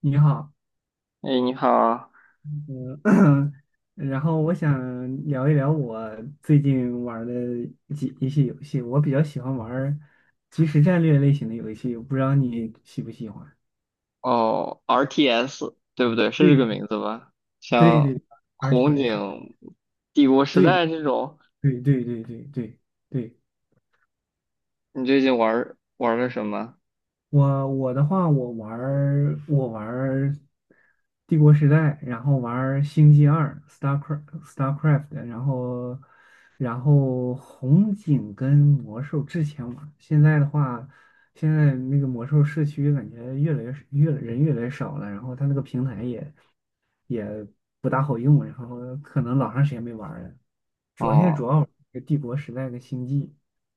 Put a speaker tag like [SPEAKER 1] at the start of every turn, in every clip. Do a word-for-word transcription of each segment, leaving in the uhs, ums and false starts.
[SPEAKER 1] 你好，
[SPEAKER 2] 哎，你好。
[SPEAKER 1] 嗯，然后我想聊一聊我最近玩儿的几一些游戏。我比较喜欢玩儿即时战略类型的游戏，我不知道你喜不喜欢？
[SPEAKER 2] 哦，R T S 对不对？是这个
[SPEAKER 1] 对
[SPEAKER 2] 名字吧？
[SPEAKER 1] 对
[SPEAKER 2] 像
[SPEAKER 1] 对
[SPEAKER 2] 红
[SPEAKER 1] ，R T S，
[SPEAKER 2] 警、帝国时
[SPEAKER 1] 对
[SPEAKER 2] 代这种，
[SPEAKER 1] 对对对对对对。
[SPEAKER 2] 你最近玩玩个什么？
[SPEAKER 1] 我我的话，我玩儿我玩儿《帝国时代》，然后玩儿《星际二》（Starcraft）、Starcraft，然后然后红警跟魔兽之前玩儿，现在的话，现在那个魔兽社区感觉越来越越人越来越少了，然后它那个平台也也不大好用，然后可能老长时间没玩儿了，主要现在
[SPEAKER 2] 哦
[SPEAKER 1] 主要玩儿《帝国时代》跟《星际》，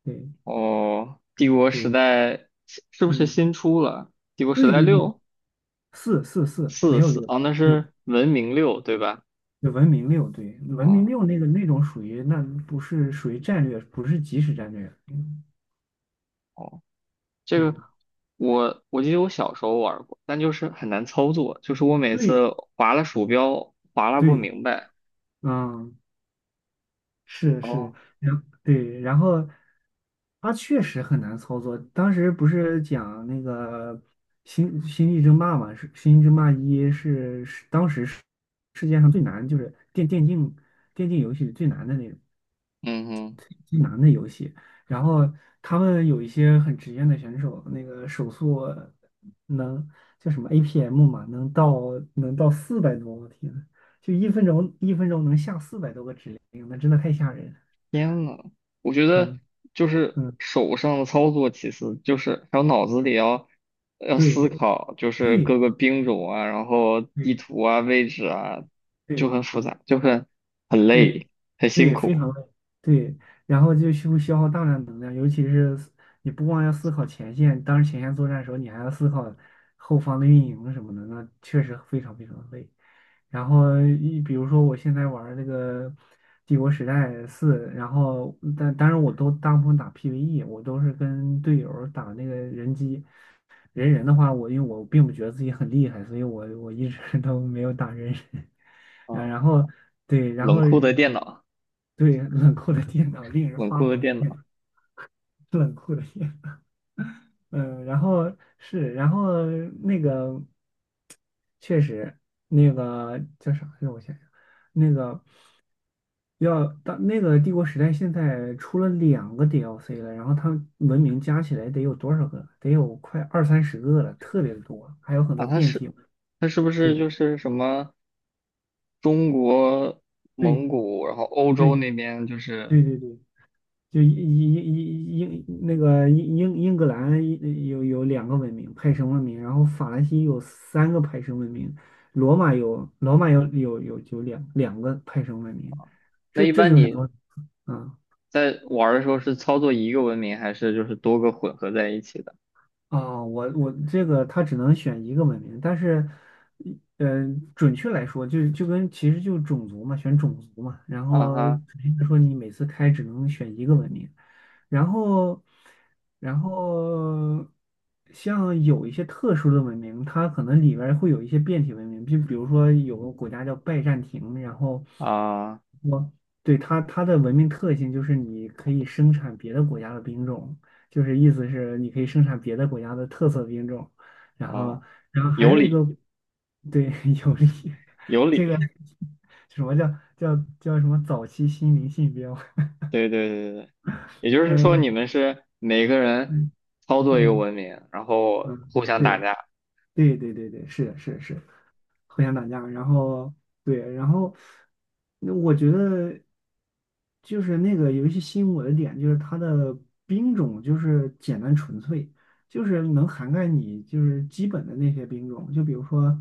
[SPEAKER 1] 对
[SPEAKER 2] 哦，帝国时
[SPEAKER 1] 对，
[SPEAKER 2] 代是是不是
[SPEAKER 1] 嗯，
[SPEAKER 2] 新出了？帝国时
[SPEAKER 1] 对
[SPEAKER 2] 代
[SPEAKER 1] 对对。
[SPEAKER 2] 六
[SPEAKER 1] 四四四没
[SPEAKER 2] 四
[SPEAKER 1] 有
[SPEAKER 2] 四
[SPEAKER 1] 六，
[SPEAKER 2] 哦，那
[SPEAKER 1] 对，
[SPEAKER 2] 是文明六对吧？
[SPEAKER 1] 对文明六，对，文明
[SPEAKER 2] 哦
[SPEAKER 1] 六那个那种属于，那不是属于战略，不是即时战略。嗯，
[SPEAKER 2] 哦，这个
[SPEAKER 1] 嗯
[SPEAKER 2] 我我记得我小时候玩过，但就是很难操作，就是我每
[SPEAKER 1] 对
[SPEAKER 2] 次划了鼠标划拉不
[SPEAKER 1] 对，
[SPEAKER 2] 明白。
[SPEAKER 1] 嗯，是是，
[SPEAKER 2] 哦，
[SPEAKER 1] 然对，然后它确实很难操作。当时不是讲那个星《星际争霸》嘛，是《星际争霸一》，是是当时世世界上最难，就是电电竞电竞游戏里最难的那种。
[SPEAKER 2] 嗯哼。
[SPEAKER 1] 最难的游戏。然后他们有一些很职业的选手，那个手速能叫什么 A P M 嘛，能到能到四百多，我天呐，就一分钟一分钟能下四百多个指令，那真的太吓人了。
[SPEAKER 2] 天呐，我觉得
[SPEAKER 1] 嗯
[SPEAKER 2] 就是
[SPEAKER 1] 嗯，
[SPEAKER 2] 手上的操作，其实就是还有脑子里要要
[SPEAKER 1] 对
[SPEAKER 2] 思考，就是
[SPEAKER 1] 对
[SPEAKER 2] 各个兵种啊，然后地
[SPEAKER 1] 对
[SPEAKER 2] 图啊、位置啊，就
[SPEAKER 1] 对，
[SPEAKER 2] 很复杂，就很很
[SPEAKER 1] 对，
[SPEAKER 2] 累，很辛
[SPEAKER 1] 对，非
[SPEAKER 2] 苦
[SPEAKER 1] 常累，对，然后就需消耗大量能量，尤其是思你不光要思考前线，当前线作战的时候，你还要思考后方的运营什么的，那确实非常非常累。然后一比如说我现在玩儿那个《帝国时代四》，然后但当然我都大部分打 P V E，我都是跟队友儿打那个人机，人人的话，我因为我并不觉得自己很厉害，所以我我一直 都没有打人人。啊，
[SPEAKER 2] 啊。
[SPEAKER 1] 然后对，然
[SPEAKER 2] 冷
[SPEAKER 1] 后
[SPEAKER 2] 酷的电脑，
[SPEAKER 1] 对冷酷的电脑，令人
[SPEAKER 2] 冷
[SPEAKER 1] 发
[SPEAKER 2] 酷的
[SPEAKER 1] 狂的
[SPEAKER 2] 电
[SPEAKER 1] 电
[SPEAKER 2] 脑
[SPEAKER 1] 脑，冷酷的电脑。嗯，然后是，然后那个确实，那个叫啥来着？我想想，那个。要到那个帝国时代，现在出了两个 D L C 了，然后它文明加起来得有多少个？得有快二三十个了，特别的多，还有很
[SPEAKER 2] 啊，
[SPEAKER 1] 多
[SPEAKER 2] 它
[SPEAKER 1] 变
[SPEAKER 2] 是
[SPEAKER 1] 体。
[SPEAKER 2] 它是不是
[SPEAKER 1] 对
[SPEAKER 2] 就是什么中国、
[SPEAKER 1] 对
[SPEAKER 2] 蒙古，然后欧
[SPEAKER 1] 对
[SPEAKER 2] 洲那边就是
[SPEAKER 1] 对对对，就英英英英英那个英英英格兰一有有两个文明派生文明，然后法兰西有三个派生文明，罗马有罗马有有有有两两个派生文明，
[SPEAKER 2] 那
[SPEAKER 1] 这
[SPEAKER 2] 一
[SPEAKER 1] 这
[SPEAKER 2] 般
[SPEAKER 1] 就是
[SPEAKER 2] 你
[SPEAKER 1] 说，啊、
[SPEAKER 2] 在玩儿的时候是操作一个文明，还是就是多个混合在一起的？
[SPEAKER 1] 啊，我我这个他只能选一个文明，但是，呃，准确来说，就是就跟，其实就是种族嘛，选种族嘛。然
[SPEAKER 2] 啊
[SPEAKER 1] 后
[SPEAKER 2] 哈
[SPEAKER 1] 准确说，你每次开只能选一个文明，然后，然后像有一些特殊的文明，它可能里边儿会有一些变体文明，就比如说有个国家叫拜占庭，然后
[SPEAKER 2] 啊
[SPEAKER 1] 我对它它的文明特性就是你可以生产别的国家的兵种。就是意思是你可以生产别的国家的特色兵种，然后，
[SPEAKER 2] 哦，
[SPEAKER 1] 然后还
[SPEAKER 2] 有
[SPEAKER 1] 有一个，
[SPEAKER 2] 理
[SPEAKER 1] 对，有利，
[SPEAKER 2] 有
[SPEAKER 1] 这个
[SPEAKER 2] 理，
[SPEAKER 1] 什么叫叫叫什么早期新灵信标？
[SPEAKER 2] 对对对对对，也就是说你
[SPEAKER 1] 嗯
[SPEAKER 2] 们是每个人
[SPEAKER 1] 嗯
[SPEAKER 2] 操作一个
[SPEAKER 1] 嗯
[SPEAKER 2] 文明，然后
[SPEAKER 1] 嗯，
[SPEAKER 2] 互相打
[SPEAKER 1] 对
[SPEAKER 2] 架
[SPEAKER 1] 对对对对，是的，是的，是的。互相打架，然后对，然后那我觉得就是那个游戏吸引我的点就是它的兵种就是简单纯粹，就是能涵盖你就是基本的那些兵种，就比如说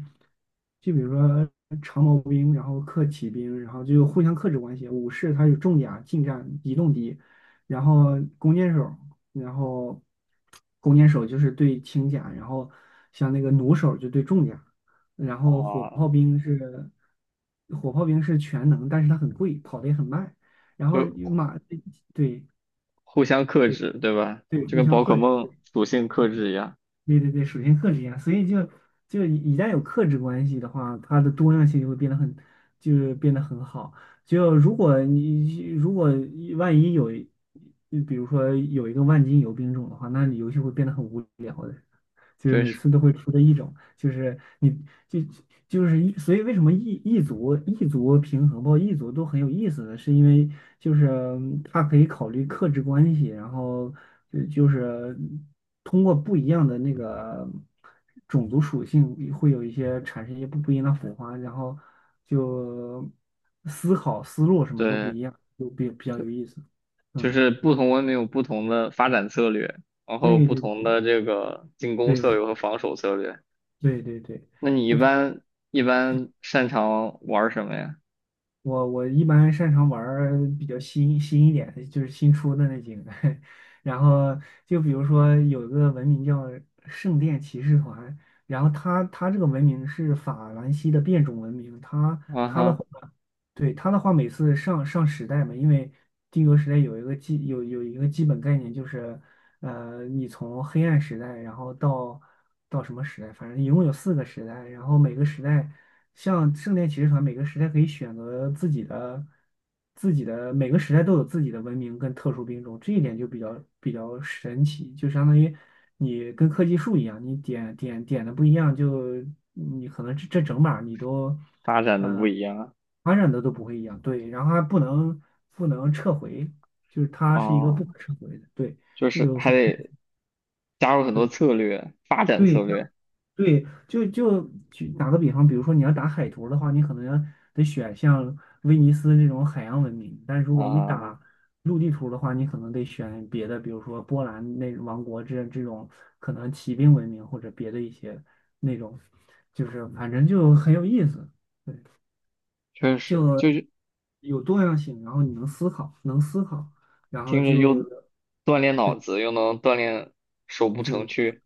[SPEAKER 1] 就比如说长矛兵，然后克骑兵，然后就互相克制关系，武士他有重甲、近战、移动敌，然后弓箭手，然后弓箭手，就是对轻甲，然后像那个弩手就对重甲。然后火
[SPEAKER 2] 啊，
[SPEAKER 1] 炮兵是火炮兵是全能，但是它很贵，跑得也很慢。然后与
[SPEAKER 2] 就
[SPEAKER 1] 马，对
[SPEAKER 2] 互相克
[SPEAKER 1] 对
[SPEAKER 2] 制，对吧？
[SPEAKER 1] 对，
[SPEAKER 2] 就
[SPEAKER 1] 互
[SPEAKER 2] 跟
[SPEAKER 1] 相
[SPEAKER 2] 宝可
[SPEAKER 1] 克制，对
[SPEAKER 2] 梦属性
[SPEAKER 1] 对
[SPEAKER 2] 克制一样，
[SPEAKER 1] 对对对，属性克制一样。所以就就一旦有克制关系的话，它的多样性就会变得很，就是变得很好。就如果你如果万一有一，比如说有一个万金油兵种的话，那你游戏会变得很无聊的。就是
[SPEAKER 2] 就
[SPEAKER 1] 每
[SPEAKER 2] 是
[SPEAKER 1] 次都会出的一种，就是你就就是一，所以为什么异异族异族平衡包括异族都很有意思呢？是因为就是它可以考虑克制关系，然后就就是通过不一样的那个种族属性会有一些产生一些不不一样的火花，然后就思考思路什么都不
[SPEAKER 2] 对，
[SPEAKER 1] 一样，就比比较有意思。
[SPEAKER 2] 就
[SPEAKER 1] 嗯，
[SPEAKER 2] 是不同文明有不同的发展策略，然后
[SPEAKER 1] 对
[SPEAKER 2] 不同
[SPEAKER 1] 对
[SPEAKER 2] 的这个进攻策
[SPEAKER 1] 对
[SPEAKER 2] 略和防守策略。
[SPEAKER 1] 对对对
[SPEAKER 2] 那你一
[SPEAKER 1] 对。同。
[SPEAKER 2] 般一般擅长玩儿什么呀？
[SPEAKER 1] 我我一般擅长玩儿比较新新一点的，就是新出的那几个。然后就比如说有一个文明叫圣殿骑士团，然后它它这个文明是法兰西的变种文明，它
[SPEAKER 2] 啊
[SPEAKER 1] 它的
[SPEAKER 2] 哈，
[SPEAKER 1] 话对他的话，每次上上时代嘛，因为帝国时代有一个基有有一个基本概念，就是呃，你从黑暗时代，然后到到什么时代，反正一共有四个时代，然后每个时代，像圣殿骑士团，每个时代可以选择自己的自己的每个时代都有自己的文明跟特殊兵种，这一点就比较比较神奇，就相当于你跟科技树一样，你点点点的不一样，就你可能这这整把你都。
[SPEAKER 2] 发展的不一样啊
[SPEAKER 1] 传染的都不会一样，对，然后还不能不能撤回，就是它是一个
[SPEAKER 2] 哦，
[SPEAKER 1] 不可撤回的，对，
[SPEAKER 2] 就
[SPEAKER 1] 这
[SPEAKER 2] 是
[SPEAKER 1] 就
[SPEAKER 2] 还
[SPEAKER 1] 很
[SPEAKER 2] 得加入很多
[SPEAKER 1] 对
[SPEAKER 2] 策略，发展策
[SPEAKER 1] 对，像
[SPEAKER 2] 略
[SPEAKER 1] 对，就就举打个比方，比如说你要打海图的话，你可能要得选像威尼斯这种海洋文明，但是如果你
[SPEAKER 2] 啊，
[SPEAKER 1] 打陆地图的话，你可能得选别的，比如说波兰那王国这这种可能骑兵文明或者别的一些那种，就是反正就很有意思，
[SPEAKER 2] 确实就是
[SPEAKER 1] 有多样性，然后你能思考，能思考，然后
[SPEAKER 2] 听着
[SPEAKER 1] 就
[SPEAKER 2] 又锻炼脑
[SPEAKER 1] 对，
[SPEAKER 2] 子，又能锻炼手部
[SPEAKER 1] 就
[SPEAKER 2] 程
[SPEAKER 1] 是
[SPEAKER 2] 序，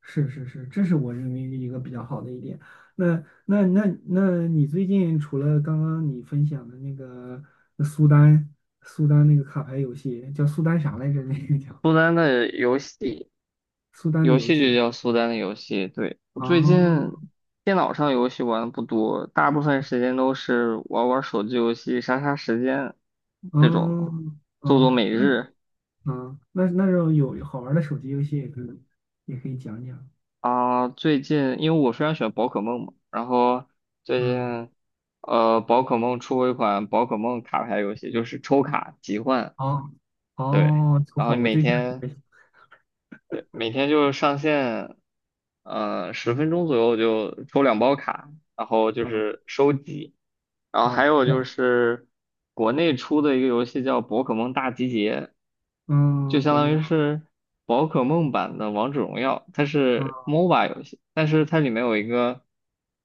[SPEAKER 1] 是是是，这是我认为一个比较好的一点。那那那那你最近除了刚刚你分享的那个苏丹苏丹那个卡牌游戏，叫苏丹啥来着？那个叫
[SPEAKER 2] 苏丹的游戏，
[SPEAKER 1] 苏丹的
[SPEAKER 2] 游
[SPEAKER 1] 游
[SPEAKER 2] 戏就
[SPEAKER 1] 戏，
[SPEAKER 2] 叫苏丹的游戏。对，我
[SPEAKER 1] 啊
[SPEAKER 2] 最近
[SPEAKER 1] 哦
[SPEAKER 2] 电脑上游戏玩的不多，大部分时间都是玩玩手机游戏、杀杀时间这种，做做
[SPEAKER 1] 哦
[SPEAKER 2] 每日
[SPEAKER 1] 哦，那那种有好玩的手机游戏也可以也可以讲讲，
[SPEAKER 2] 啊。最近因为我非常喜欢宝可梦嘛，然后最
[SPEAKER 1] 嗯，
[SPEAKER 2] 近呃宝可梦出过一款宝可梦卡牌游戏，就是抽卡集换，
[SPEAKER 1] 好，
[SPEAKER 2] 对，
[SPEAKER 1] 哦，我
[SPEAKER 2] 然
[SPEAKER 1] 靠，
[SPEAKER 2] 后你
[SPEAKER 1] 我
[SPEAKER 2] 每
[SPEAKER 1] 对象还
[SPEAKER 2] 天。
[SPEAKER 1] 没，
[SPEAKER 2] 对，每天就是上线，嗯、十分钟左右就抽两包卡，然后就
[SPEAKER 1] 嗯。
[SPEAKER 2] 是收集，然后还
[SPEAKER 1] 哦
[SPEAKER 2] 有就
[SPEAKER 1] 哦，
[SPEAKER 2] 是国内出的一个游戏叫《宝可梦大集结》，就
[SPEAKER 1] 嗯，
[SPEAKER 2] 相
[SPEAKER 1] 国内
[SPEAKER 2] 当
[SPEAKER 1] 啊，
[SPEAKER 2] 于是宝可梦版的王者荣耀，它
[SPEAKER 1] 嗯，
[SPEAKER 2] 是 MOBA 游戏，但是它里面有一个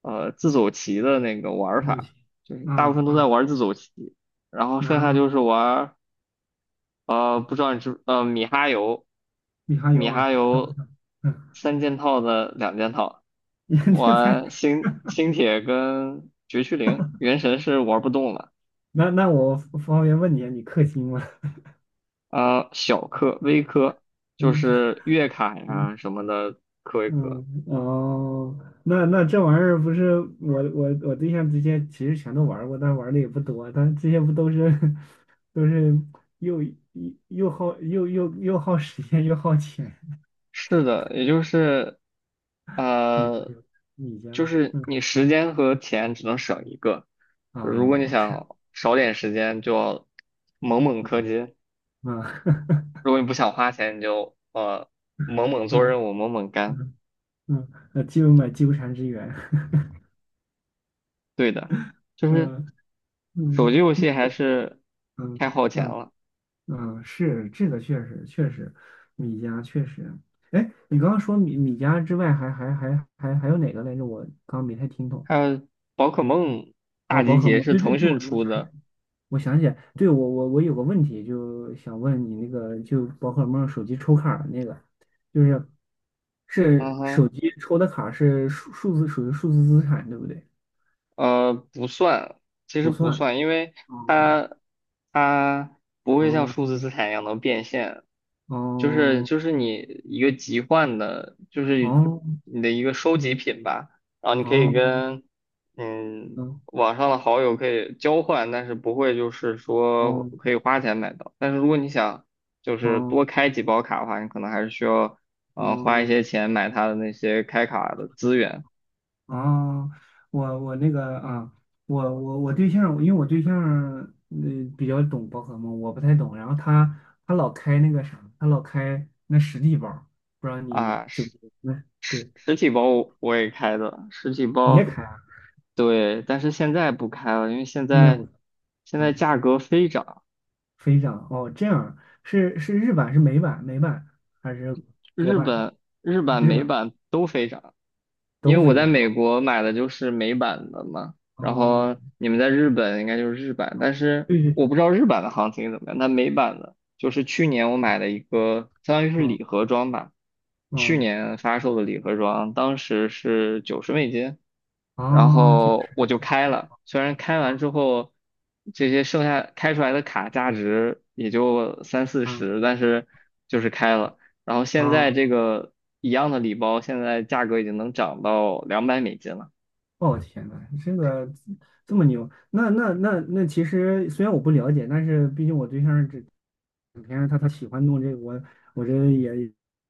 [SPEAKER 2] 呃自走棋的那个玩儿
[SPEAKER 1] 不
[SPEAKER 2] 法，
[SPEAKER 1] 行，
[SPEAKER 2] 就是大部
[SPEAKER 1] 啊，
[SPEAKER 2] 分都在
[SPEAKER 1] 啊，
[SPEAKER 2] 玩儿自走棋，然后剩
[SPEAKER 1] 那，
[SPEAKER 2] 下就是玩。呃，不知道你知呃米哈游，
[SPEAKER 1] 你还有
[SPEAKER 2] 米哈
[SPEAKER 1] 啊，
[SPEAKER 2] 游
[SPEAKER 1] 嗯，
[SPEAKER 2] 三件套的两件套，
[SPEAKER 1] 你这才，
[SPEAKER 2] 玩星星铁跟绝区零，原神是玩不动了。
[SPEAKER 1] 那那我方便问你啊，你氪金吗？
[SPEAKER 2] 啊、小氪、微氪就
[SPEAKER 1] 嗯
[SPEAKER 2] 是月卡
[SPEAKER 1] 嗯
[SPEAKER 2] 呀什么的氪一氪。
[SPEAKER 1] 嗯哦，那那这玩意儿不是，我我我对象之前其实全都玩过，但玩的也不多，但这些不都是 都是，又又耗又又又耗时间又耗钱，
[SPEAKER 2] 是的，也就是
[SPEAKER 1] 你
[SPEAKER 2] 呃，
[SPEAKER 1] 你家，
[SPEAKER 2] 就是
[SPEAKER 1] 嗯
[SPEAKER 2] 你时间和钱只能省一个，
[SPEAKER 1] 啊
[SPEAKER 2] 如果你
[SPEAKER 1] 是
[SPEAKER 2] 想少点时间，就要猛猛氪金。
[SPEAKER 1] 啊
[SPEAKER 2] 如果你不想花钱，你就呃猛猛 做
[SPEAKER 1] 嗯。
[SPEAKER 2] 任务，猛猛干。
[SPEAKER 1] 嗯嗯，呃，就买纠缠之源，
[SPEAKER 2] 对的，就是
[SPEAKER 1] 嗯
[SPEAKER 2] 手机
[SPEAKER 1] 嗯
[SPEAKER 2] 游戏还是
[SPEAKER 1] 嗯
[SPEAKER 2] 太耗钱
[SPEAKER 1] 嗯
[SPEAKER 2] 了。
[SPEAKER 1] 嗯，是这个确实确实，米家确实，哎，你刚刚说米米家之外，还，还还还还还有哪个来着？我刚刚没太听懂。
[SPEAKER 2] 还有宝可梦大
[SPEAKER 1] 哦，宝
[SPEAKER 2] 集
[SPEAKER 1] 可
[SPEAKER 2] 结
[SPEAKER 1] 梦，
[SPEAKER 2] 是
[SPEAKER 1] 对对
[SPEAKER 2] 腾
[SPEAKER 1] 对，
[SPEAKER 2] 讯
[SPEAKER 1] 我我
[SPEAKER 2] 出
[SPEAKER 1] 想起来，
[SPEAKER 2] 的。
[SPEAKER 1] 我想起来对，我我我有个问题，就想问你那个，就宝可梦手机抽卡儿那个，就是
[SPEAKER 2] 嗯
[SPEAKER 1] 是手
[SPEAKER 2] 哼。
[SPEAKER 1] 机抽的卡是数数字属于数字资产，对不对？
[SPEAKER 2] 呃，不算，其实
[SPEAKER 1] 不
[SPEAKER 2] 不
[SPEAKER 1] 算。
[SPEAKER 2] 算，因为
[SPEAKER 1] 哦
[SPEAKER 2] 它它不会像
[SPEAKER 1] 哦
[SPEAKER 2] 数字资产一样能变现，就是
[SPEAKER 1] 哦。
[SPEAKER 2] 就是你一个集换的，就是
[SPEAKER 1] 哦
[SPEAKER 2] 你的一个收集品吧，然后你可以
[SPEAKER 1] 哦
[SPEAKER 2] 跟嗯
[SPEAKER 1] 哦
[SPEAKER 2] 网上的好友可以交换，但是不会就是说可
[SPEAKER 1] 哦
[SPEAKER 2] 以花钱买到，但是如果你想就是
[SPEAKER 1] 哦
[SPEAKER 2] 多开几包卡的话，你可能还是需要嗯、呃花一
[SPEAKER 1] 哦
[SPEAKER 2] 些钱买它的那些开卡的资源。
[SPEAKER 1] 哦，哦我我那个啊，我我我对象，因为我对象嗯、呃比较懂宝可梦，我不太懂，然后他他老开那个啥，他老开那实地包，不知道你
[SPEAKER 2] 啊，
[SPEAKER 1] 就，
[SPEAKER 2] 实
[SPEAKER 1] 那
[SPEAKER 2] 实
[SPEAKER 1] 对，
[SPEAKER 2] 实体包我我也开的，实体
[SPEAKER 1] 你也
[SPEAKER 2] 包，
[SPEAKER 1] 开啊？
[SPEAKER 2] 对，但是现在不开了，因为现
[SPEAKER 1] 那个，
[SPEAKER 2] 在
[SPEAKER 1] 我
[SPEAKER 2] 现在
[SPEAKER 1] 啊，
[SPEAKER 2] 价格飞涨，
[SPEAKER 1] 飞涨哦，这样是是日版是美版美版还是国
[SPEAKER 2] 日
[SPEAKER 1] 版？
[SPEAKER 2] 本日版
[SPEAKER 1] 日
[SPEAKER 2] 美
[SPEAKER 1] 版
[SPEAKER 2] 版都飞涨。因
[SPEAKER 1] 都
[SPEAKER 2] 为我
[SPEAKER 1] 飞
[SPEAKER 2] 在
[SPEAKER 1] 涨
[SPEAKER 2] 美
[SPEAKER 1] 啊？
[SPEAKER 2] 国买的就是美版的嘛，然
[SPEAKER 1] 哦，
[SPEAKER 2] 后你们在日本应该就是日版，但是
[SPEAKER 1] 对对
[SPEAKER 2] 我不
[SPEAKER 1] 对，
[SPEAKER 2] 知道日版的行情怎么样。那美版的，就是去年我买的一个，相当于是礼
[SPEAKER 1] 嗯
[SPEAKER 2] 盒装吧，
[SPEAKER 1] 嗯。
[SPEAKER 2] 去
[SPEAKER 1] 哦
[SPEAKER 2] 年发售的礼盒装，当时是九十美金，然
[SPEAKER 1] 哦，这不
[SPEAKER 2] 后我
[SPEAKER 1] 是
[SPEAKER 2] 就开了，虽然开完之后，这些剩下开出来的卡价值也就三四
[SPEAKER 1] 啊
[SPEAKER 2] 十，但是就是开了。然后现在这
[SPEAKER 1] 啊
[SPEAKER 2] 个一样的礼包，现在价格已经能涨到两百美金了。
[SPEAKER 1] 哦天呐，这个这么牛，那那那那其实虽然我不了解，但是毕竟我对象这平时他他喜欢弄这个，我我这也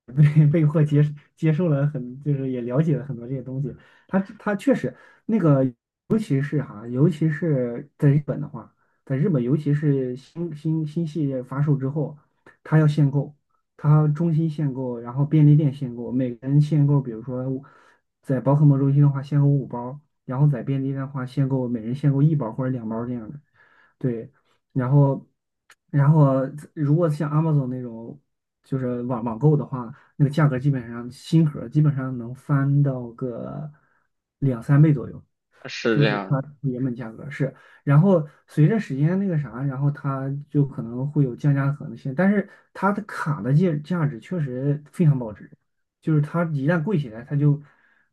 [SPEAKER 1] 被被迫接接受了很，就是也了解了很多这些东西。他他确实那个，尤其是哈，尤其是在日本的话，在日本尤其是新新新系列发售之后，他要限购，他中心限购，然后便利店限购，每个人限购，比如说在宝可梦中心的话，限购五包。然后在便利店的话，限购每人限购一包或者两包这样的。对，然后，然后如果像 Amazon 那种就是网网购的话，那个价格基本上新盒儿基本上能翻到个两三倍左右，
[SPEAKER 2] 是
[SPEAKER 1] 就
[SPEAKER 2] 这
[SPEAKER 1] 是
[SPEAKER 2] 样
[SPEAKER 1] 它
[SPEAKER 2] 的。
[SPEAKER 1] 原本价格是。然后随着时间那个啥，然后它就可能会有降价的可能性，但是它的卡的价价值确实非常保值，就是它一旦贵起来，它就。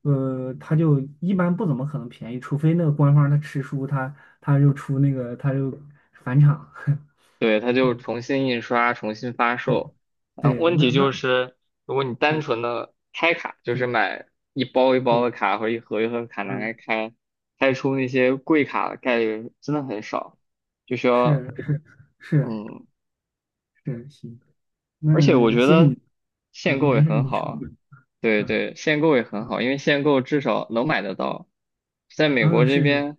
[SPEAKER 1] 呃，它就一般不怎么可能便宜，除非那个官方它吃书，它。他又出那个，他又返场，
[SPEAKER 2] 对，它 就
[SPEAKER 1] 对
[SPEAKER 2] 重新印刷、重新发
[SPEAKER 1] 对
[SPEAKER 2] 售。嗯，
[SPEAKER 1] 对，
[SPEAKER 2] 问
[SPEAKER 1] 那
[SPEAKER 2] 题就
[SPEAKER 1] 那
[SPEAKER 2] 是，如果你单
[SPEAKER 1] 对
[SPEAKER 2] 纯的开卡，就
[SPEAKER 1] 对
[SPEAKER 2] 是买一包一包
[SPEAKER 1] 对，
[SPEAKER 2] 的卡或者一盒一盒的卡拿
[SPEAKER 1] 嗯，
[SPEAKER 2] 来开，开出那些贵卡的概率真的很少，就需要
[SPEAKER 1] 是是
[SPEAKER 2] 嗯，
[SPEAKER 1] 是，行，
[SPEAKER 2] 而且我
[SPEAKER 1] 那
[SPEAKER 2] 觉
[SPEAKER 1] 谢谢
[SPEAKER 2] 得
[SPEAKER 1] 你，嗯，
[SPEAKER 2] 限购也
[SPEAKER 1] 没事，
[SPEAKER 2] 很
[SPEAKER 1] 你
[SPEAKER 2] 好
[SPEAKER 1] 说，
[SPEAKER 2] 啊。对
[SPEAKER 1] 嗯
[SPEAKER 2] 对，限购也很
[SPEAKER 1] 嗯
[SPEAKER 2] 好，因为限购至少能买得到。在美国
[SPEAKER 1] 嗯，
[SPEAKER 2] 这
[SPEAKER 1] 是是，
[SPEAKER 2] 边，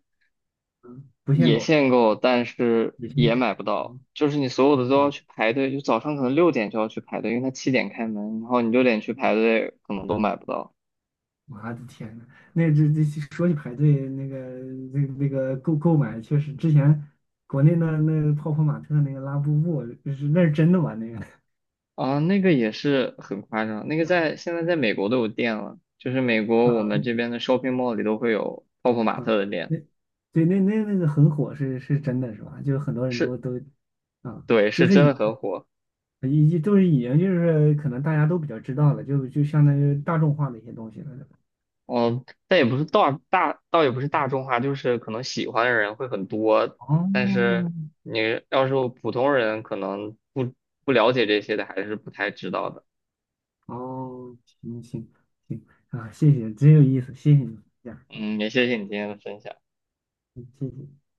[SPEAKER 1] 嗯，不限
[SPEAKER 2] 也
[SPEAKER 1] 购，
[SPEAKER 2] 限购，但是
[SPEAKER 1] 也限
[SPEAKER 2] 也
[SPEAKER 1] 购，
[SPEAKER 2] 买不到，
[SPEAKER 1] 哦
[SPEAKER 2] 就是你所有的都要
[SPEAKER 1] 哦，
[SPEAKER 2] 去排队，就早上可能六点就要去排队，因为它七点开门，然后你六点去排队，可能都买不到
[SPEAKER 1] 我的天呐，那这这说起排队，那个那那个购购买，确实之前国内那那泡泡玛特那个拉布布，就是那是真的吗？那个
[SPEAKER 2] 啊。那个也是很夸张，那个
[SPEAKER 1] 啊。
[SPEAKER 2] 在现在在美国都有店了，就是美国我
[SPEAKER 1] 啊
[SPEAKER 2] 们这边的 shopping mall 里都会有泡泡玛
[SPEAKER 1] 啊，
[SPEAKER 2] 特的店，
[SPEAKER 1] 那对那那那个很火是，是真的是吧？就很多人都
[SPEAKER 2] 是，
[SPEAKER 1] 都啊，
[SPEAKER 2] 对，是
[SPEAKER 1] 就是
[SPEAKER 2] 真的
[SPEAKER 1] 已
[SPEAKER 2] 很火。
[SPEAKER 1] 已经都是已经就是可能大家都比较知道了，就就相当于大众化的一些东西了，对吧？
[SPEAKER 2] 嗯，但也不是大大，倒也不是大众化，就是可能喜欢的人会很多，
[SPEAKER 1] 哦，
[SPEAKER 2] 但是你要是普通人，可能不不了解这些的，还是不太知道的。
[SPEAKER 1] 哦，行行行啊，谢谢，真有意思，谢谢你这样啊，
[SPEAKER 2] 嗯，也谢谢你今天的分享。
[SPEAKER 1] 嗯谢谢。